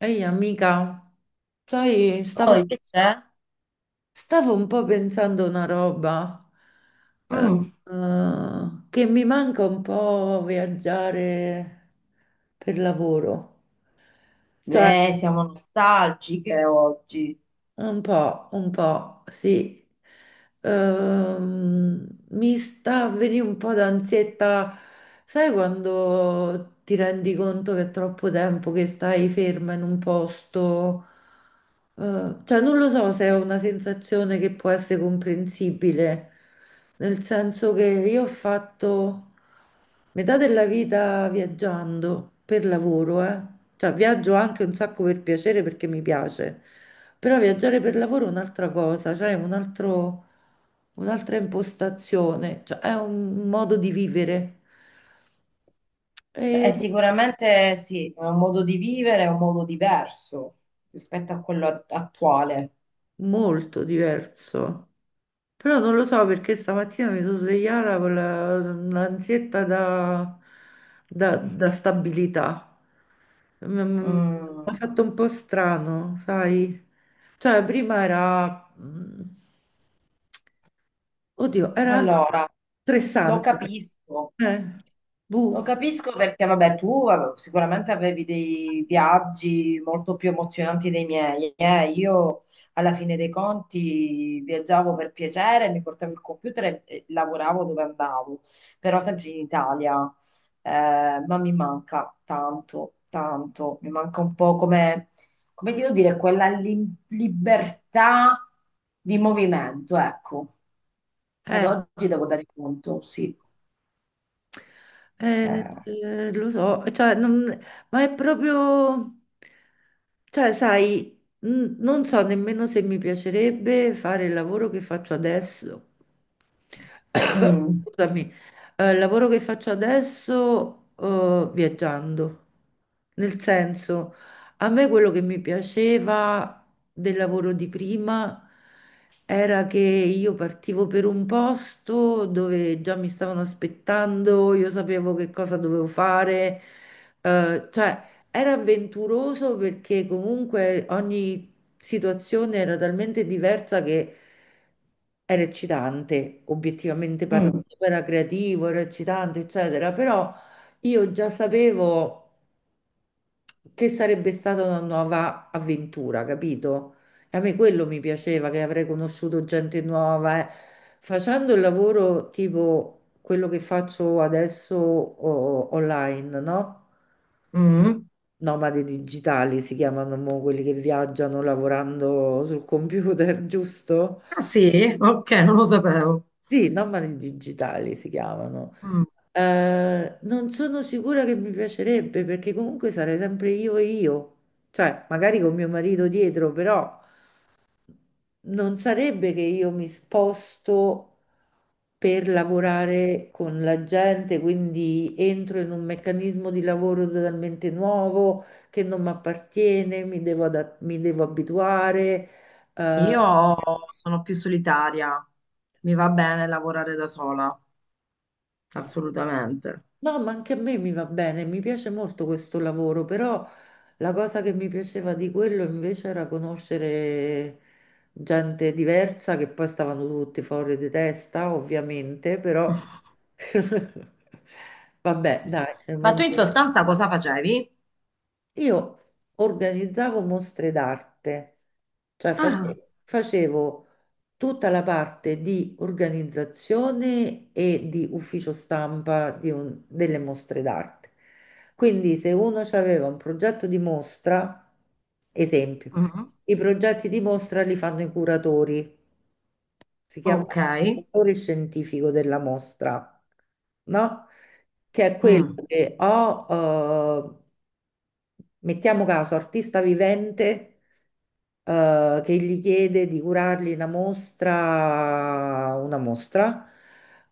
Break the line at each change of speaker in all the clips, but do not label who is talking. Ehi amica, sai,
Poi che c'è?
stavo un po' pensando una roba eh,
Mm,
che mi manca un po' viaggiare per lavoro. Cioè,
beh, siamo nostalgiche oggi.
un po', un po', sì. Mi sta a venire un po' d'ansietta, sai quando ti rendi conto che è troppo tempo che stai ferma in un posto? Cioè, non lo so se è una sensazione che può essere comprensibile, nel senso che io ho fatto metà della vita viaggiando per lavoro, eh. Cioè, viaggio anche un sacco per piacere perché mi piace. Però viaggiare per lavoro è un'altra cosa, cioè è un'altra impostazione, cioè è un modo di vivere, è
Beh, sicuramente sì, è un modo di vivere, è un modo diverso rispetto a quello attuale.
molto diverso. Però non lo so perché stamattina mi sono svegliata con l'ansietta da stabilità. Mi
Mm,
ha fatto un po' strano, sai? Cioè prima era, oddio, era
allora, lo
stressante.
capisco.
Eh,
Lo
buh,
capisco perché, vabbè, tu sicuramente avevi dei viaggi molto più emozionanti dei miei, eh. Io, alla fine dei conti, viaggiavo per piacere, mi portavo il computer e lavoravo dove andavo, però sempre in Italia. Ma mi manca tanto, tanto. Mi manca un po' come, come ti devo dire, quella libertà di movimento, ecco. Ad
eh,
oggi devo dare conto, sì. Eh,
Lo so, cioè, ma è proprio, cioè, sai, non so nemmeno se mi piacerebbe fare il lavoro che faccio adesso.
mm.
Scusami, il lavoro che faccio adesso, viaggiando. Nel senso, a me quello che mi piaceva del lavoro di prima era che io partivo per un posto dove già mi stavano aspettando, io sapevo che cosa dovevo fare, cioè era avventuroso perché comunque ogni situazione era talmente diversa che era eccitante, obiettivamente parlando,
Mm,
era creativo, era eccitante, eccetera, però io già sapevo che sarebbe stata una nuova avventura, capito? E a me quello mi piaceva, che avrei conosciuto gente nuova. Eh. Facendo il lavoro tipo quello che faccio adesso online, no?
mm.
Nomadi digitali si chiamano mo quelli che viaggiano lavorando sul computer, giusto?
Ah sì? Ok, non lo sapevo.
Sì, nomadi digitali si chiamano.
Mm.
Non sono sicura che mi piacerebbe perché comunque sarei sempre io e io, cioè magari con mio marito dietro, però, non sarebbe che io mi sposto per lavorare con la gente, quindi entro in un meccanismo di lavoro totalmente nuovo che non mi appartiene, mi devo abituare. eh, Mm.
Io sono più solitaria, mi va bene lavorare da sola, assolutamente.
No, ma anche a me mi va bene, mi piace molto questo lavoro, però la cosa che mi piaceva di quello invece era conoscere gente diversa che poi stavano tutti fuori di testa, ovviamente, però vabbè, dai, nel
Ma tu
mondo
in sostanza cosa facevi?
io organizzavo mostre d'arte, cioè
Ah,
facevo tutta la parte di organizzazione e di ufficio stampa delle mostre d'arte. Quindi se uno aveva un progetto di mostra, esempio.
mm.
I progetti di mostra li fanno i curatori, si chiama
Ok,
autore scientifico della mostra, no? Che è quello
mm.
che ho, eh, mettiamo caso, artista vivente, che gli chiede di curargli una mostra, una mostra.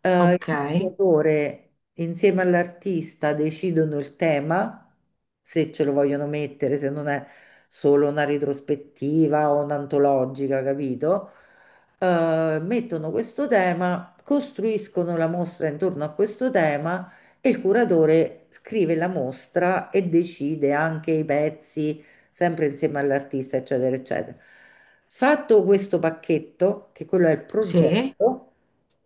Eh,
Ok,
il curatore insieme all'artista decidono il tema, se ce lo vogliono mettere, se non è solo una retrospettiva o un'antologica, capito? Mettono questo tema, costruiscono la mostra intorno a questo tema e il curatore scrive la mostra e decide anche i pezzi, sempre insieme all'artista, eccetera, eccetera. Fatto questo pacchetto, che quello è il
sì.
progetto,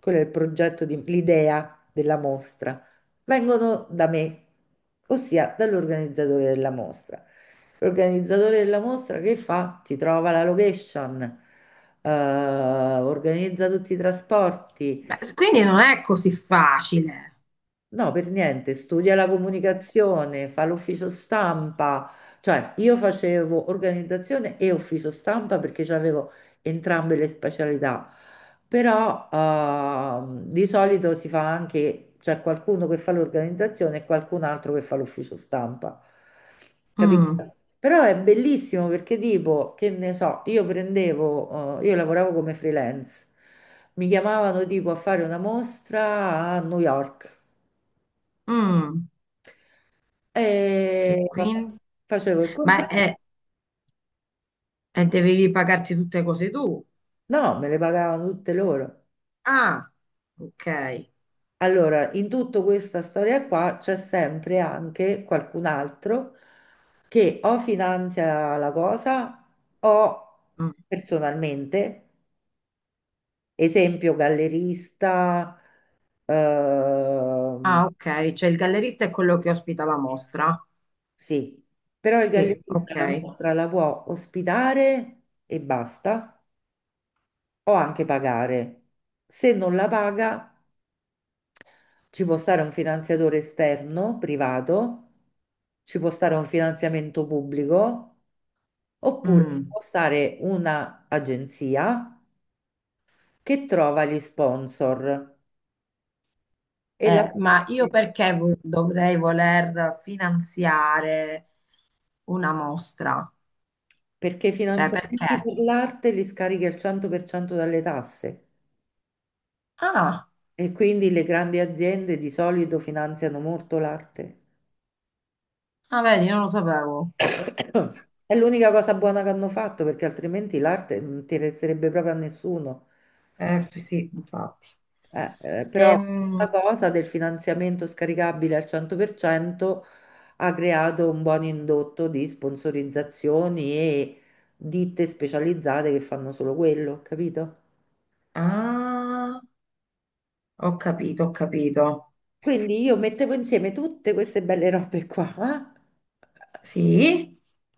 quello è il progetto l'idea della mostra, vengono da me, ossia dall'organizzatore della mostra. L'organizzatore della mostra che fa? Ti trova la location, organizza tutti i trasporti.
Beh, quindi non è così facile.
No, per niente, studia la comunicazione, fa l'ufficio stampa, cioè io facevo organizzazione e ufficio stampa perché avevo entrambe le specialità, però di solito si fa anche, c'è qualcuno che fa l'organizzazione e qualcun altro che fa l'ufficio stampa,
Mm,
capito? Però è bellissimo perché tipo, che ne so, io prendevo, io lavoravo come freelance, mi chiamavano tipo a fare una mostra a New York.
mm. E
E vabbè,
quindi?
facevo il
Ma
contratto.
e e dovevi pagarti tutte cose tu?
No, me le pagavano tutte loro.
Ah, ok.
Allora, in tutta questa storia qua c'è sempre anche qualcun altro che o finanzia la cosa o
Mm.
personalmente, esempio gallerista,
Ah,
ehm,
ok, cioè il gallerista è quello che ospita la mostra.
sì, però il
Sì,
gallerista la
ok.
mostra la può ospitare e basta, o anche pagare. Se non la paga ci può stare un finanziatore esterno, privato, ci può stare un finanziamento pubblico, oppure ci
Mm.
può stare un'agenzia che trova gli sponsor. E la.
Ma io perché dovrei voler finanziare una mostra?
Perché i
Cioè,
finanziamenti
perché?
per l'arte li scarichi al 100% dalle tasse
Ah,
e quindi le grandi aziende di solito finanziano molto l'arte.
ah, vedi, non lo sapevo.
È l'unica cosa buona che hanno fatto perché altrimenti l'arte non interesserebbe proprio a nessuno.
Sì, infatti.
Però questa
Ehm,
cosa del finanziamento scaricabile al 100% ha creato un buon indotto di sponsorizzazioni e ditte specializzate che fanno solo quello, capito?
ah, ho capito, ho capito.
Quindi io mettevo insieme tutte queste belle robe qua
Sì?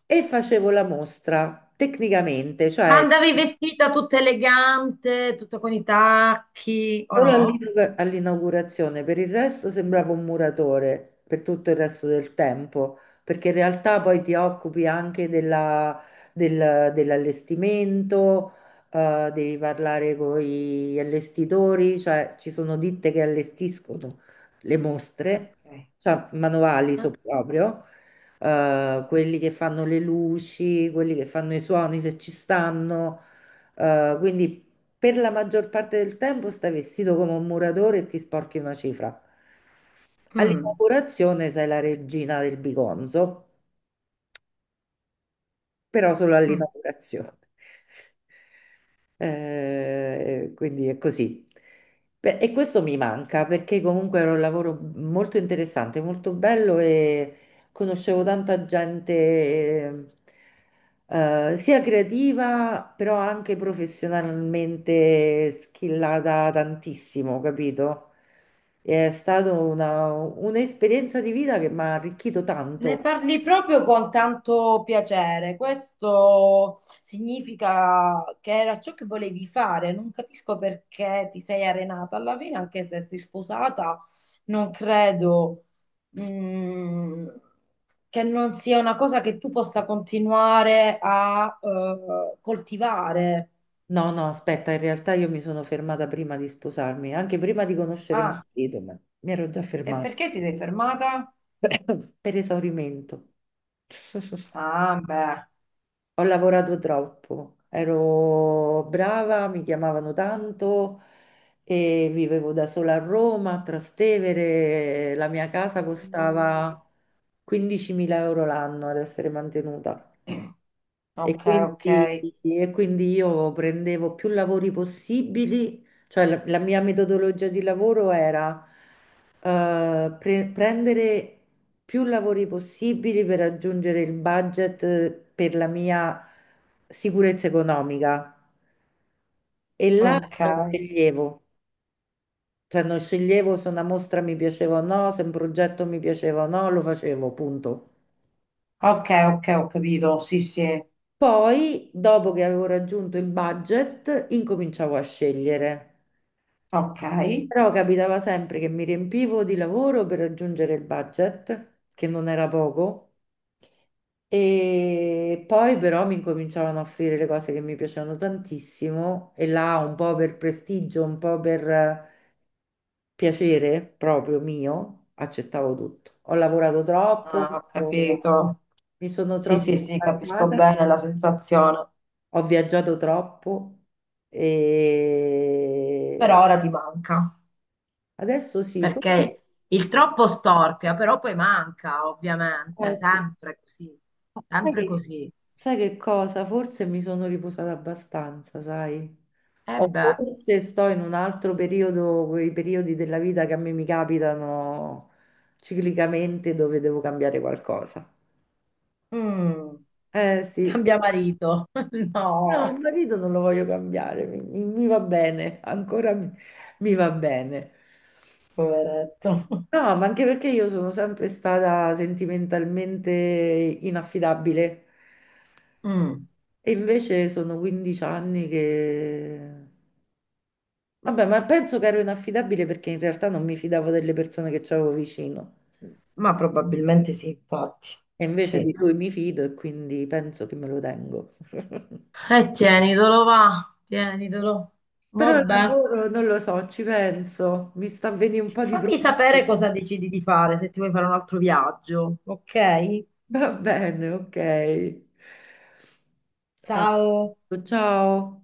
e facevo la mostra tecnicamente,
Ma
cioè
andavi vestita tutta elegante, tutta con i tacchi, o
solo
no?
all'inaugurazione, per il resto sembrava un muratore per tutto il resto del tempo, perché in realtà poi ti occupi anche dell'allestimento, devi parlare con gli allestitori, cioè ci sono ditte che allestiscono le mostre,
Ok.
cioè manuali
Eh?
so proprio, quelli che fanno le luci, quelli che fanno i suoni se ci stanno. Quindi per la maggior parte del tempo stai vestito come un muratore e ti sporchi una cifra. All'inaugurazione sei la regina del bigonzo, però solo
Mm.
all'inaugurazione. Quindi è così. Beh, e questo mi manca perché comunque era un lavoro molto interessante, molto bello e conoscevo tanta gente, sia creativa, però anche professionalmente skillata tantissimo, capito? È stata un'esperienza di vita che mi ha arricchito
Ne
tanto.
parli proprio con tanto piacere. Questo significa che era ciò che volevi fare. Non capisco perché ti sei arenata alla fine, anche se sei sposata, non credo, mm, che non sia una cosa che tu possa continuare a, coltivare.
No, no, aspetta, in realtà io mi sono fermata prima di sposarmi, anche prima di conoscere mio
Ah,
marito, ma mi ero già
e
fermata
perché ti sei fermata?
per esaurimento.
Ah, beh.
Ho lavorato troppo, ero brava, mi chiamavano tanto e vivevo da sola a Roma, a Trastevere, la mia casa
Mm,
costava 15.000 euro l'anno ad essere mantenuta. E
ok, ok,
quindi, e quindi io prendevo più lavori possibili, cioè la mia metodologia di lavoro era prendere più lavori possibili per raggiungere il budget per la mia sicurezza economica. E là
ok.
non sceglievo, cioè non sceglievo se una mostra mi piaceva o no, se un progetto mi piaceva o no, lo facevo, punto.
Ok, ok, ho capito. Sì, sì,
Poi, dopo che avevo raggiunto il budget, incominciavo a scegliere.
ok.
Però capitava sempre che mi riempivo di lavoro per raggiungere il budget, che non era poco, e poi però mi incominciavano a offrire le cose che mi piacevano tantissimo, e là un po' per prestigio, un po' per piacere proprio mio, accettavo tutto. Ho lavorato troppo,
Ah, ho
ho-
capito.
mi sono
Sì, sì,
troppo
sì, capisco
stancata,
bene la sensazione.
ho viaggiato troppo
Però
e
ora ti manca,
adesso sì,
perché il troppo storpia, però poi manca, ovviamente,
forse.
sempre così,
Ma Sai
sempre
che,
così.
sai che cosa? Forse mi sono riposata abbastanza, sai?
E
O
beh,
forse sto in un altro periodo, quei periodi della vita che a me mi capitano ciclicamente dove devo cambiare qualcosa.
mm,
Eh sì,
cambia marito.
no, il
No,
marito non lo voglio cambiare, mi va bene, ancora mi va bene.
poveretto.
No, ma anche perché io sono sempre stata sentimentalmente inaffidabile
Mm,
e invece sono 15 anni che. Vabbè, ma penso che ero inaffidabile perché in realtà non mi fidavo delle persone che c'avevo vicino.
ma probabilmente sì, infatti.
E invece di
Sì.
lui mi fido e quindi penso che me lo tengo.
E tienitelo, va, tienitelo.
Però il
Vabbè.
lavoro non lo so, ci penso. Mi sta avvenendo un po' di
Fammi
problema.
sapere cosa decidi di fare, se ti vuoi fare un altro viaggio, ok?
Va bene, ok. A-
Ciao.
Ciao.